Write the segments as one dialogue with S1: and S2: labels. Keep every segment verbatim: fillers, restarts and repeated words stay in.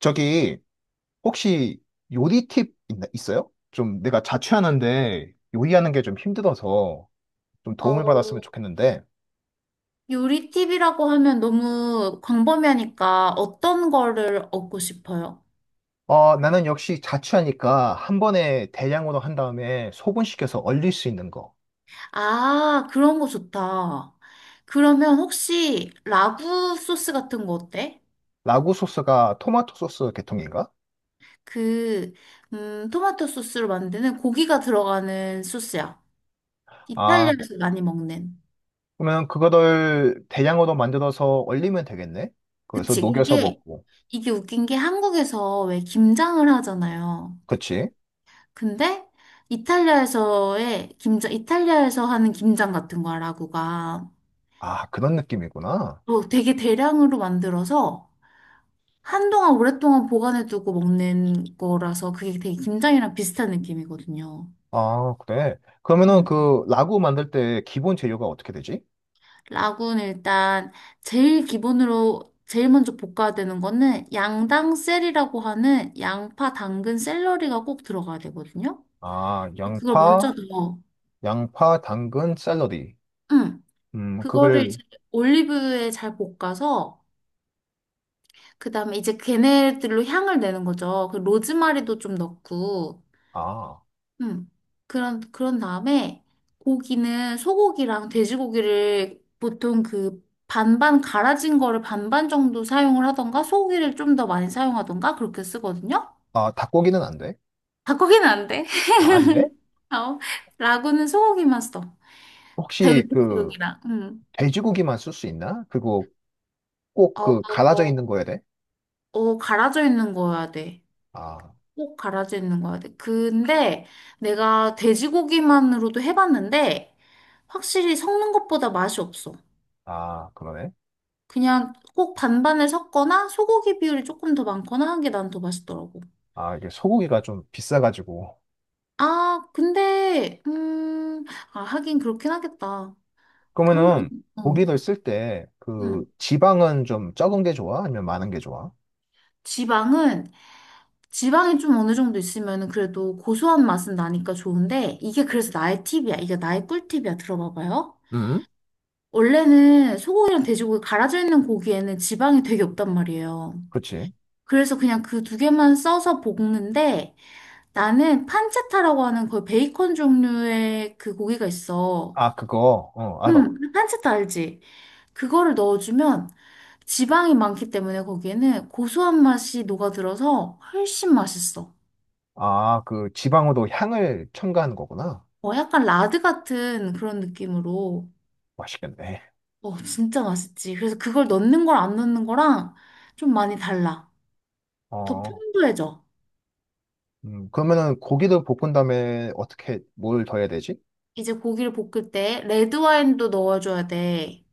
S1: 저기 혹시 요리 팁 있나, 있어요? 좀 내가 자취하는데 요리하는 게 좀 힘들어서 좀 도움을
S2: 어,
S1: 받았으면 좋겠는데.
S2: 요리 팁이라고 하면 너무 광범위하니까 어떤 거를 얻고 싶어요?
S1: 어, 나는 역시 자취하니까 한 번에 대량으로 한 다음에 소분시켜서 얼릴 수 있는 거.
S2: 아, 그런 거 좋다. 그러면 혹시 라구 소스 같은 거 어때?
S1: 라구 소스가 토마토 소스 계통인가?
S2: 그, 음, 토마토 소스로 만드는 고기가 들어가는 소스야.
S1: 아,
S2: 이탈리아에서 많이 먹는.
S1: 그러면 그거를 대량으로 만들어서 얼리면 되겠네? 그래서
S2: 그치.
S1: 녹여서
S2: 이게,
S1: 먹고.
S2: 이게 웃긴 게 한국에서 왜 김장을 하잖아요.
S1: 그치?
S2: 근데 이탈리아에서의 김장, 이탈리아에서 하는 김장 같은 거야, 라구가.
S1: 아, 그런 느낌이구나.
S2: 어, 되게 대량으로 만들어서 한동안 오랫동안 보관해두고 먹는 거라서 그게 되게 김장이랑 비슷한 느낌이거든요.
S1: 아, 그래. 그러면은
S2: 음,
S1: 그 라구 만들 때 기본 재료가 어떻게 되지?
S2: 라군 일단 제일 기본으로 제일 먼저 볶아야 되는 거는 양당 셀이라고 하는 양파, 당근, 샐러리가 꼭 들어가야 되거든요.
S1: 아,
S2: 그걸
S1: 양파,
S2: 먼저 넣어.
S1: 양파, 당근, 샐러리.
S2: 음,
S1: 음,
S2: 그거를 이제
S1: 그걸.
S2: 올리브유에 잘 볶아서 그다음에 이제 걔네들로 향을 내는 거죠. 그 로즈마리도 좀 넣고.
S1: 아,
S2: 음. 그런, 그런 다음에 고기는 소고기랑 돼지고기를 보통 그 반반 갈아진 거를 반반 정도 사용을 하던가 소고기를 좀 더 많이 사용하던가 그렇게 쓰거든요.
S1: 아, 닭고기는 안 돼?
S2: 닭고기는 안 돼.
S1: 아, 안 돼?
S2: 어, 라구는 소고기만 써. 그 돼지-
S1: 혹시
S2: 고
S1: 그,
S2: 기랑 음.
S1: 돼지고기만 쓸 수 있나? 그거 꼭
S2: 어,
S1: 그, 갈아져
S2: 어,
S1: 있는 거야 돼?
S2: 어, 갈아져 있는 거여야 돼.
S1: 아,
S2: 꼭 갈아져 있는 거여야 돼. 근데 내가 돼지고기만으로도 해봤는데 확실히 섞는 것보다 맛이 없어.
S1: 아, 그러네.
S2: 그냥 꼭 반반을 섞거나 소고기 비율이 조금 더 많거나 한 게 난 더 맛있더라고.
S1: 아, 이게 소고기가 좀 비싸가지고.
S2: 아, 근데, 음, 아, 하긴 그렇긴 하겠다. 그 한 번,
S1: 그러면은,
S2: 어,
S1: 고기를 쓸 때, 그,
S2: 음.
S1: 지방은 좀 적은 게 좋아? 아니면 많은 게 좋아?
S2: 지방은, 지방이 좀 어느 정도 있으면 그래도 고소한 맛은 나니까 좋은데, 이게 그래서 나의 팁이야. 이게 나의 꿀팁이야. 들어봐봐요.
S1: 음?
S2: 원래는 소고기랑 돼지고기 갈아져 있는 고기에는 지방이 되게 없단 말이에요.
S1: 그렇지.
S2: 그래서 그냥 그 두 개만 써서 볶는데, 나는 판체타라고 하는 거의 베이컨 종류의 그 고기가 있어. 어.
S1: 아, 그거, 어, 알아.
S2: 음, 판체타 알지? 그거를 넣어주면 지방이 많기 때문에 거기에는 고소한 맛이 녹아들어서 훨씬 맛있어.
S1: 아, 그 지방으로 향을 첨가하는 거구나.
S2: 어, 약간 라드 같은 그런 느낌으로.
S1: 맛있겠네.
S2: 어, 진짜 맛있지. 그래서 그걸 넣는 걸 안 넣는 거랑 좀 많이 달라. 더
S1: 어.
S2: 풍부해져.
S1: 음, 그러면은 고기를 볶은 다음에 어떻게 뭘 더해야 되지?
S2: 이제 고기를 볶을 때 레드 와인도 넣어줘야 돼.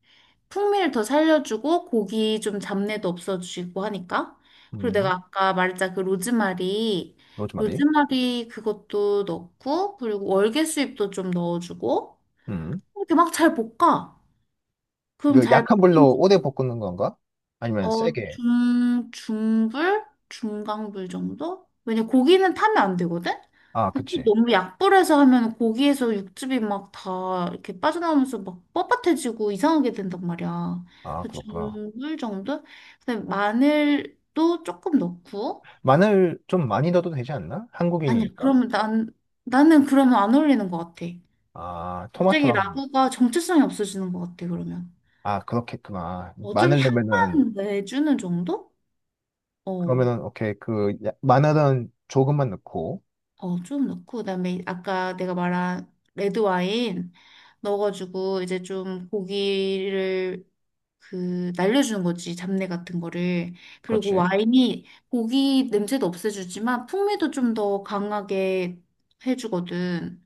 S2: 풍미를 더 살려주고 고기 좀 잡내도 없어지고 하니까. 그리고 내가
S1: 음,
S2: 아까 말했자 그 로즈마리,
S1: 로즈마리.
S2: 로즈마리 그것도 넣고 그리고 월계수잎도 좀 넣어주고
S1: 음.
S2: 이렇게 막 잘 볶아. 그럼
S1: 그
S2: 잘
S1: 약한 불로
S2: 볶은
S1: 오래 볶는 건가? 아니면
S2: 어,
S1: 세게?
S2: 중, 중불? 중강불 정도? 왜냐, 고기는 타면 안 되거든?
S1: 아,
S2: 근데
S1: 그치.
S2: 또 너무 약불에서 하면 고기에서 육즙이 막 다 이렇게 빠져나오면서 막 뻣뻣해지고 이상하게 된단 말이야.
S1: 아,
S2: 그래서
S1: 그렇구나.
S2: 중불 정도? 근데 마늘도 조금 넣고.
S1: 마늘 좀 많이 넣어도 되지 않나?
S2: 아니야,
S1: 한국인이니까.
S2: 그러면 난, 나는 그러면 안 어울리는 것 같아.
S1: 아,
S2: 갑자기
S1: 토마토랑.
S2: 라구가 정체성이 없어지는 것 같아, 그러면.
S1: 아, 그렇겠구나.
S2: 어, 좀
S1: 마늘 넣으면은.
S2: 향만 내주는 정도? 어.
S1: 그러면은, 오케이. 그, 야- 마늘은 조금만 넣고.
S2: 어, 좀 넣고, 그다음에 아까 내가 말한 레드 와인 넣어가지고 이제 좀 고기를 그 날려주는 거지, 잡내 같은 거를. 그리고
S1: 그렇지.
S2: 와인이 고기 냄새도 없애주지만 풍미도 좀 더 강하게 해주거든.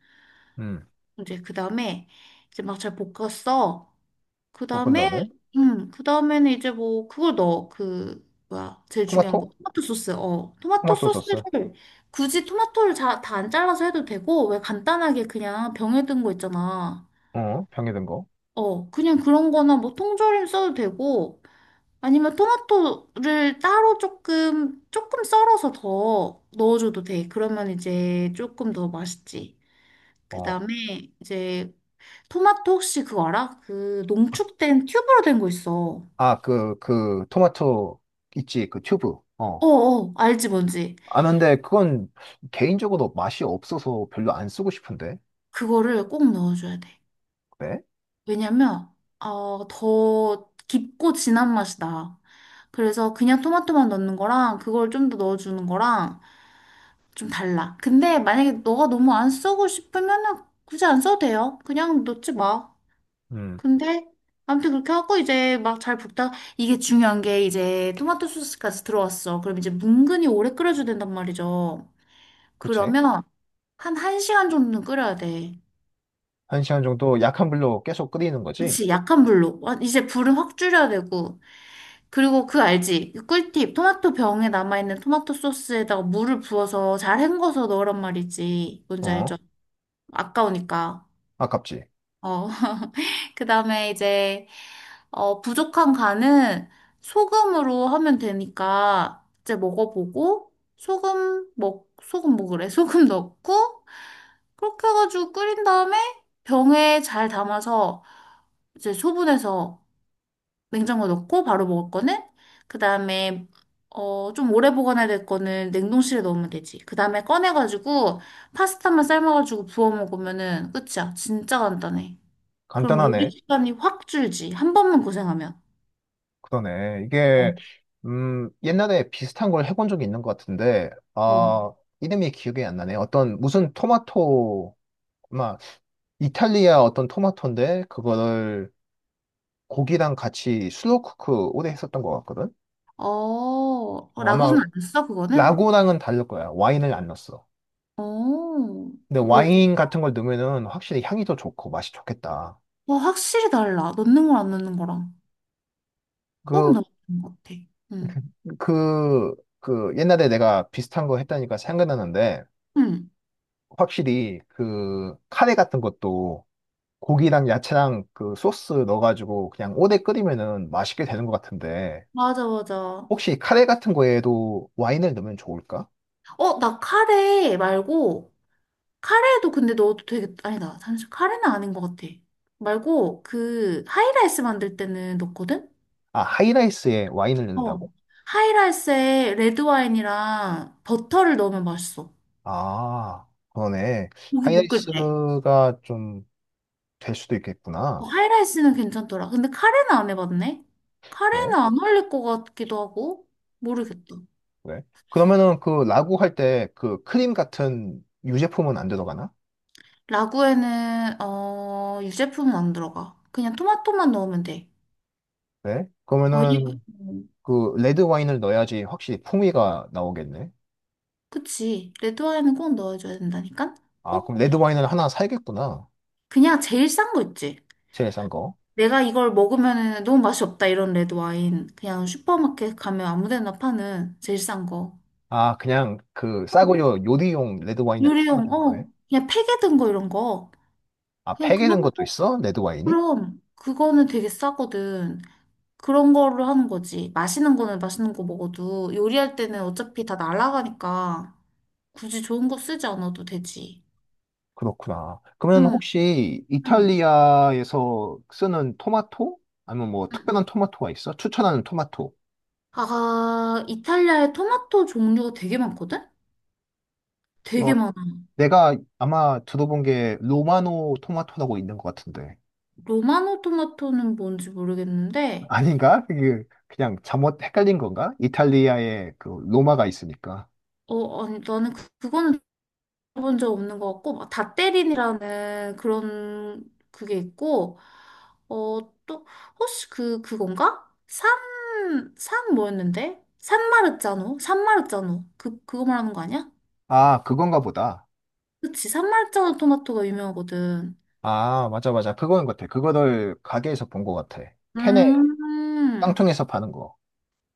S1: 음,
S2: 이제 그다음에 이제 막 잘 볶았어. 그
S1: 볶은
S2: 다음에,
S1: 다음에.
S2: 음, 그 다음에는 이제 뭐, 그걸 넣어. 그, 뭐야, 제일 중요한 거.
S1: 토마토?
S2: 토마토 소스. 어. 토마토
S1: 토마토
S2: 소스를,
S1: 소스.
S2: 굳이 토마토를 다 안 잘라서 해도 되고, 왜 간단하게 그냥 병에 든 거 있잖아.
S1: 어, 병에 든 거.
S2: 어, 그냥 그런 거나 뭐 통조림 써도 되고, 아니면 토마토를 따로 조금, 조금 썰어서 더 넣어줘도 돼. 그러면 이제 조금 더 맛있지. 그
S1: 어.
S2: 다음에 이제 토마토 혹시 그거 알아? 그 농축된 튜브로 된 거 있어.
S1: 아, 그, 그, 토마토 있지, 그 튜브. 어.
S2: 어어, 알지 뭔지.
S1: 아, 근데 그건 개인적으로 맛이 없어서 별로 안 쓰고 싶은데.
S2: 그거를 꼭 넣어줘야 돼.
S1: 그래?
S2: 왜냐면, 어, 더 깊고 진한 맛이 나. 그래서 그냥 토마토만 넣는 거랑 그걸 좀 더 넣어주는 거랑 좀 달라. 근데 만약에 너가 너무 안 쓰고 싶으면은 굳이 안 써도 돼요. 그냥 넣지 마.
S1: 음,
S2: 근데 아무튼 그렇게 하고 이제 막 잘 볶다 이게 중요한 게 이제 토마토 소스까지 들어왔어. 그럼 이제 뭉근히 오래 끓여줘야 된단 말이죠.
S1: 그치.
S2: 그러면 한 1시간 정도는 끓여야 돼.
S1: 한 시간 정도 약한 불로 계속 끓이는 거지?
S2: 그치, 약한 불로. 와, 이제 불은 확 줄여야 되고. 그리고 그 알지? 그 꿀팁. 토마토 병에 남아있는 토마토 소스에다가 물을 부어서 잘 헹궈서 넣으란 말이지. 뭔지 알죠?
S1: 어?
S2: 아까우니까.
S1: 아깝지.
S2: 어. 그 다음에 이제, 어, 부족한 간은 소금으로 하면 되니까 이제 먹어보고, 소금, 뭐, 소금 뭐 그래? 소금 넣고, 그렇게 해가지고 끓인 다음에 병에 잘 담아서 이제 소분해서 냉장고 넣고 바로 먹을 거는 그다음에 어, 좀 오래 보관해야 될 거는 냉동실에 넣으면 되지. 그다음에 꺼내가지고 파스타만 삶아가지고 부어 먹으면은 끝이야. 진짜 간단해. 그럼 요리
S1: 간단하네.
S2: 시간이 확 줄지. 한 번만 고생하면.
S1: 그러네. 이게,
S2: 어,
S1: 음, 옛날에 비슷한 걸 해본 적이 있는 것 같은데,
S2: 어.
S1: 아, 이름이 기억이 안 나네. 어떤, 무슨 토마토, 막, 이탈리아 어떤 토마토인데, 그거를 고기랑 같이 슬로우쿠크 오래 했었던 것 같거든?
S2: 어, 어,
S1: 뭐 아마
S2: 라구는 안 했어, 그거는?
S1: 라고랑은 다를 거야. 와인을 안 넣었어.
S2: 어,
S1: 근데
S2: 뭐,
S1: 와인 같은 걸 넣으면은 확실히 향이 더 좋고 맛이 좋겠다.
S2: 와, 확실히 달라. 넣는 거랑 안 넣는 거랑. 꼭
S1: 그,
S2: 넣는 것 같아. 응,
S1: 그, 그 옛날에 내가 비슷한 거 했다니까 생각나는데,
S2: 응.
S1: 확실히 그 카레 같은 것도 고기랑 야채랑 그 소스 넣어가지고 그냥 오래 끓이면은 맛있게 되는 것 같은데,
S2: 맞아, 맞아.
S1: 혹시 카레 같은 거에도 와인을 넣으면 좋을까?
S2: 어, 나 카레 말고, 카레도 근데 넣어도 되게, 아니다. 잠시 카레는 아닌 것 같아. 말고, 그, 하이라이스 만들 때는 넣거든?
S1: 아, 하이라이스에 와인을
S2: 어.
S1: 넣는다고?
S2: 하이라이스에 레드와인이랑 버터를 넣으면 맛있어.
S1: 아, 그러네.
S2: 고기 볶을 때.
S1: 하이라이스가 좀 될 수도
S2: 어,
S1: 있겠구나.
S2: 하이라이스는 괜찮더라. 근데 카레는 안 해봤네?
S1: 왜?
S2: 카레는 안 어울릴 것 같기도 하고, 모르겠다.
S1: 왜? 그러면은 그 라고 할 때 그 크림 같은 유제품은 안 들어가나?
S2: 라구에는, 어, 유제품은 안 들어가. 그냥 토마토만 넣으면 돼.
S1: 네?
S2: 거의,
S1: 그러면은
S2: 음,
S1: 그 레드 와인을 넣어야지 확실히 풍미가 나오겠네.
S2: 그치. 레드와인은 꼭 넣어줘야 된다니까?
S1: 아, 그럼
S2: 꼭
S1: 레드 와인을 하나 사야겠구나.
S2: 그냥 제일 싼 거 있지.
S1: 제일 싼 거.
S2: 내가 이걸 먹으면 너무 맛이 없다 이런 레드 와인. 그냥 슈퍼마켓 가면 아무 데나 파는 제일 싼 거.
S1: 아, 그냥 그
S2: 어,
S1: 싸구려 요리용 레드 와인 사도
S2: 요리용,
S1: 되는 거네.
S2: 어, 그냥 팩에 든 거 이런 거.
S1: 아,
S2: 그냥
S1: 팩에 든
S2: 그런
S1: 것도
S2: 거,
S1: 있어? 레드 와인이?
S2: 그럼. 그거는 되게 싸거든. 그런 걸로 하는 거지. 맛있는 거는 맛있는 거 먹어도 요리할 때는 어차피 다 날아가니까 굳이 좋은 거 쓰지 않아도 되지.
S1: 그렇구나. 그러면
S2: 응,
S1: 혹시
S2: 응,
S1: 이탈리아에서 쓰는 토마토? 아니면 뭐
S2: 응.
S1: 특별한 토마토가 있어? 추천하는 토마토?
S2: 아, 이탈리아에 토마토 종류가 되게 많거든?
S1: 어,
S2: 되게 많아.
S1: 내가 아마 들어본 게 로마노 토마토라고 있는 것 같은데.
S2: 로마노 토마토는 뭔지 모르겠는데,
S1: 아닌가? 이게 그냥 잘못 헷갈린 건가? 이탈리아에 그 로마가 있으니까.
S2: 어, 아니, 나는 그, 그거는 들어본 적 없는 것 같고, 막닷 a 린이라는 그런 그게 있고, 어, 또, 혹시 그, 그건가? 산, 산 뭐였는데? 산마르자노? 산마르자노. 그, 그거 말하는 거 아니야?
S1: 아, 그건가 보다.
S2: 그치, 산마르자노 토마토가 유명하거든.
S1: 아, 맞아, 맞아. 그거인 것 같아. 그거를 가게에서 본 것 같아. 캔에,
S2: 음,
S1: 깡통에서 파는 거.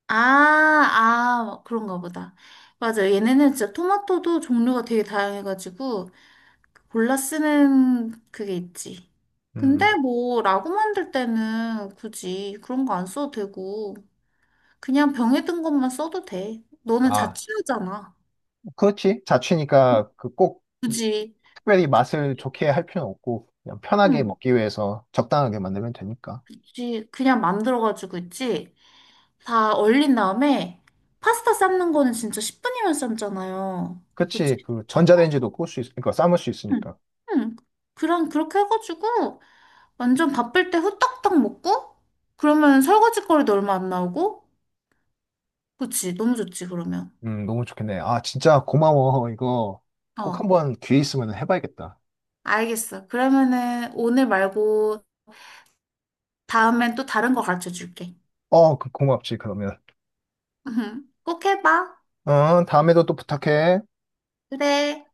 S2: 아, 아, 그런가 보다. 맞아. 얘네는 진짜 토마토도 종류가 되게 다양해가지고, 골라 쓰는 그게 있지.
S1: 음.
S2: 근데
S1: 음.
S2: 뭐 라고 만들 때는 굳이 그런 거 안 써도 되고 그냥 병에 든 것만 써도 돼. 너는
S1: 아,
S2: 자취하잖아.
S1: 그렇지.
S2: 음,
S1: 자취니까 그 꼭
S2: 굳이
S1: 특별히 맛을
S2: 그렇게,
S1: 좋게 할 필요는 없고, 그냥 편하게
S2: 응,
S1: 먹기 위해서 적당하게 만들면 되니까.
S2: 그치. 그냥 만들어가지고 있지. 다 얼린 다음에 파스타 삶는 거는 진짜 십 분이면 삶잖아요. 그치?
S1: 그치. 그 전자레인지도 끌수 있, 으니까 삶을 수
S2: 응,
S1: 있으니까.
S2: 응. 그런, 그렇게 해가지고 완전 바쁠 때 후딱딱 먹고 그러면 설거지 거리도 얼마 안 나오고 그치, 너무 좋지, 그러면.
S1: 음, 너무 좋겠네. 아, 진짜 고마워. 이거 꼭
S2: 어,
S1: 한번 기회 있으면 해봐야겠다.
S2: 알겠어. 그러면은 오늘 말고 다음엔 또 다른 거 가르쳐 줄게.
S1: 어, 그- 고맙지, 그러면.
S2: 꼭 해봐.
S1: 어, 다음에도 또 부탁해.
S2: 그래.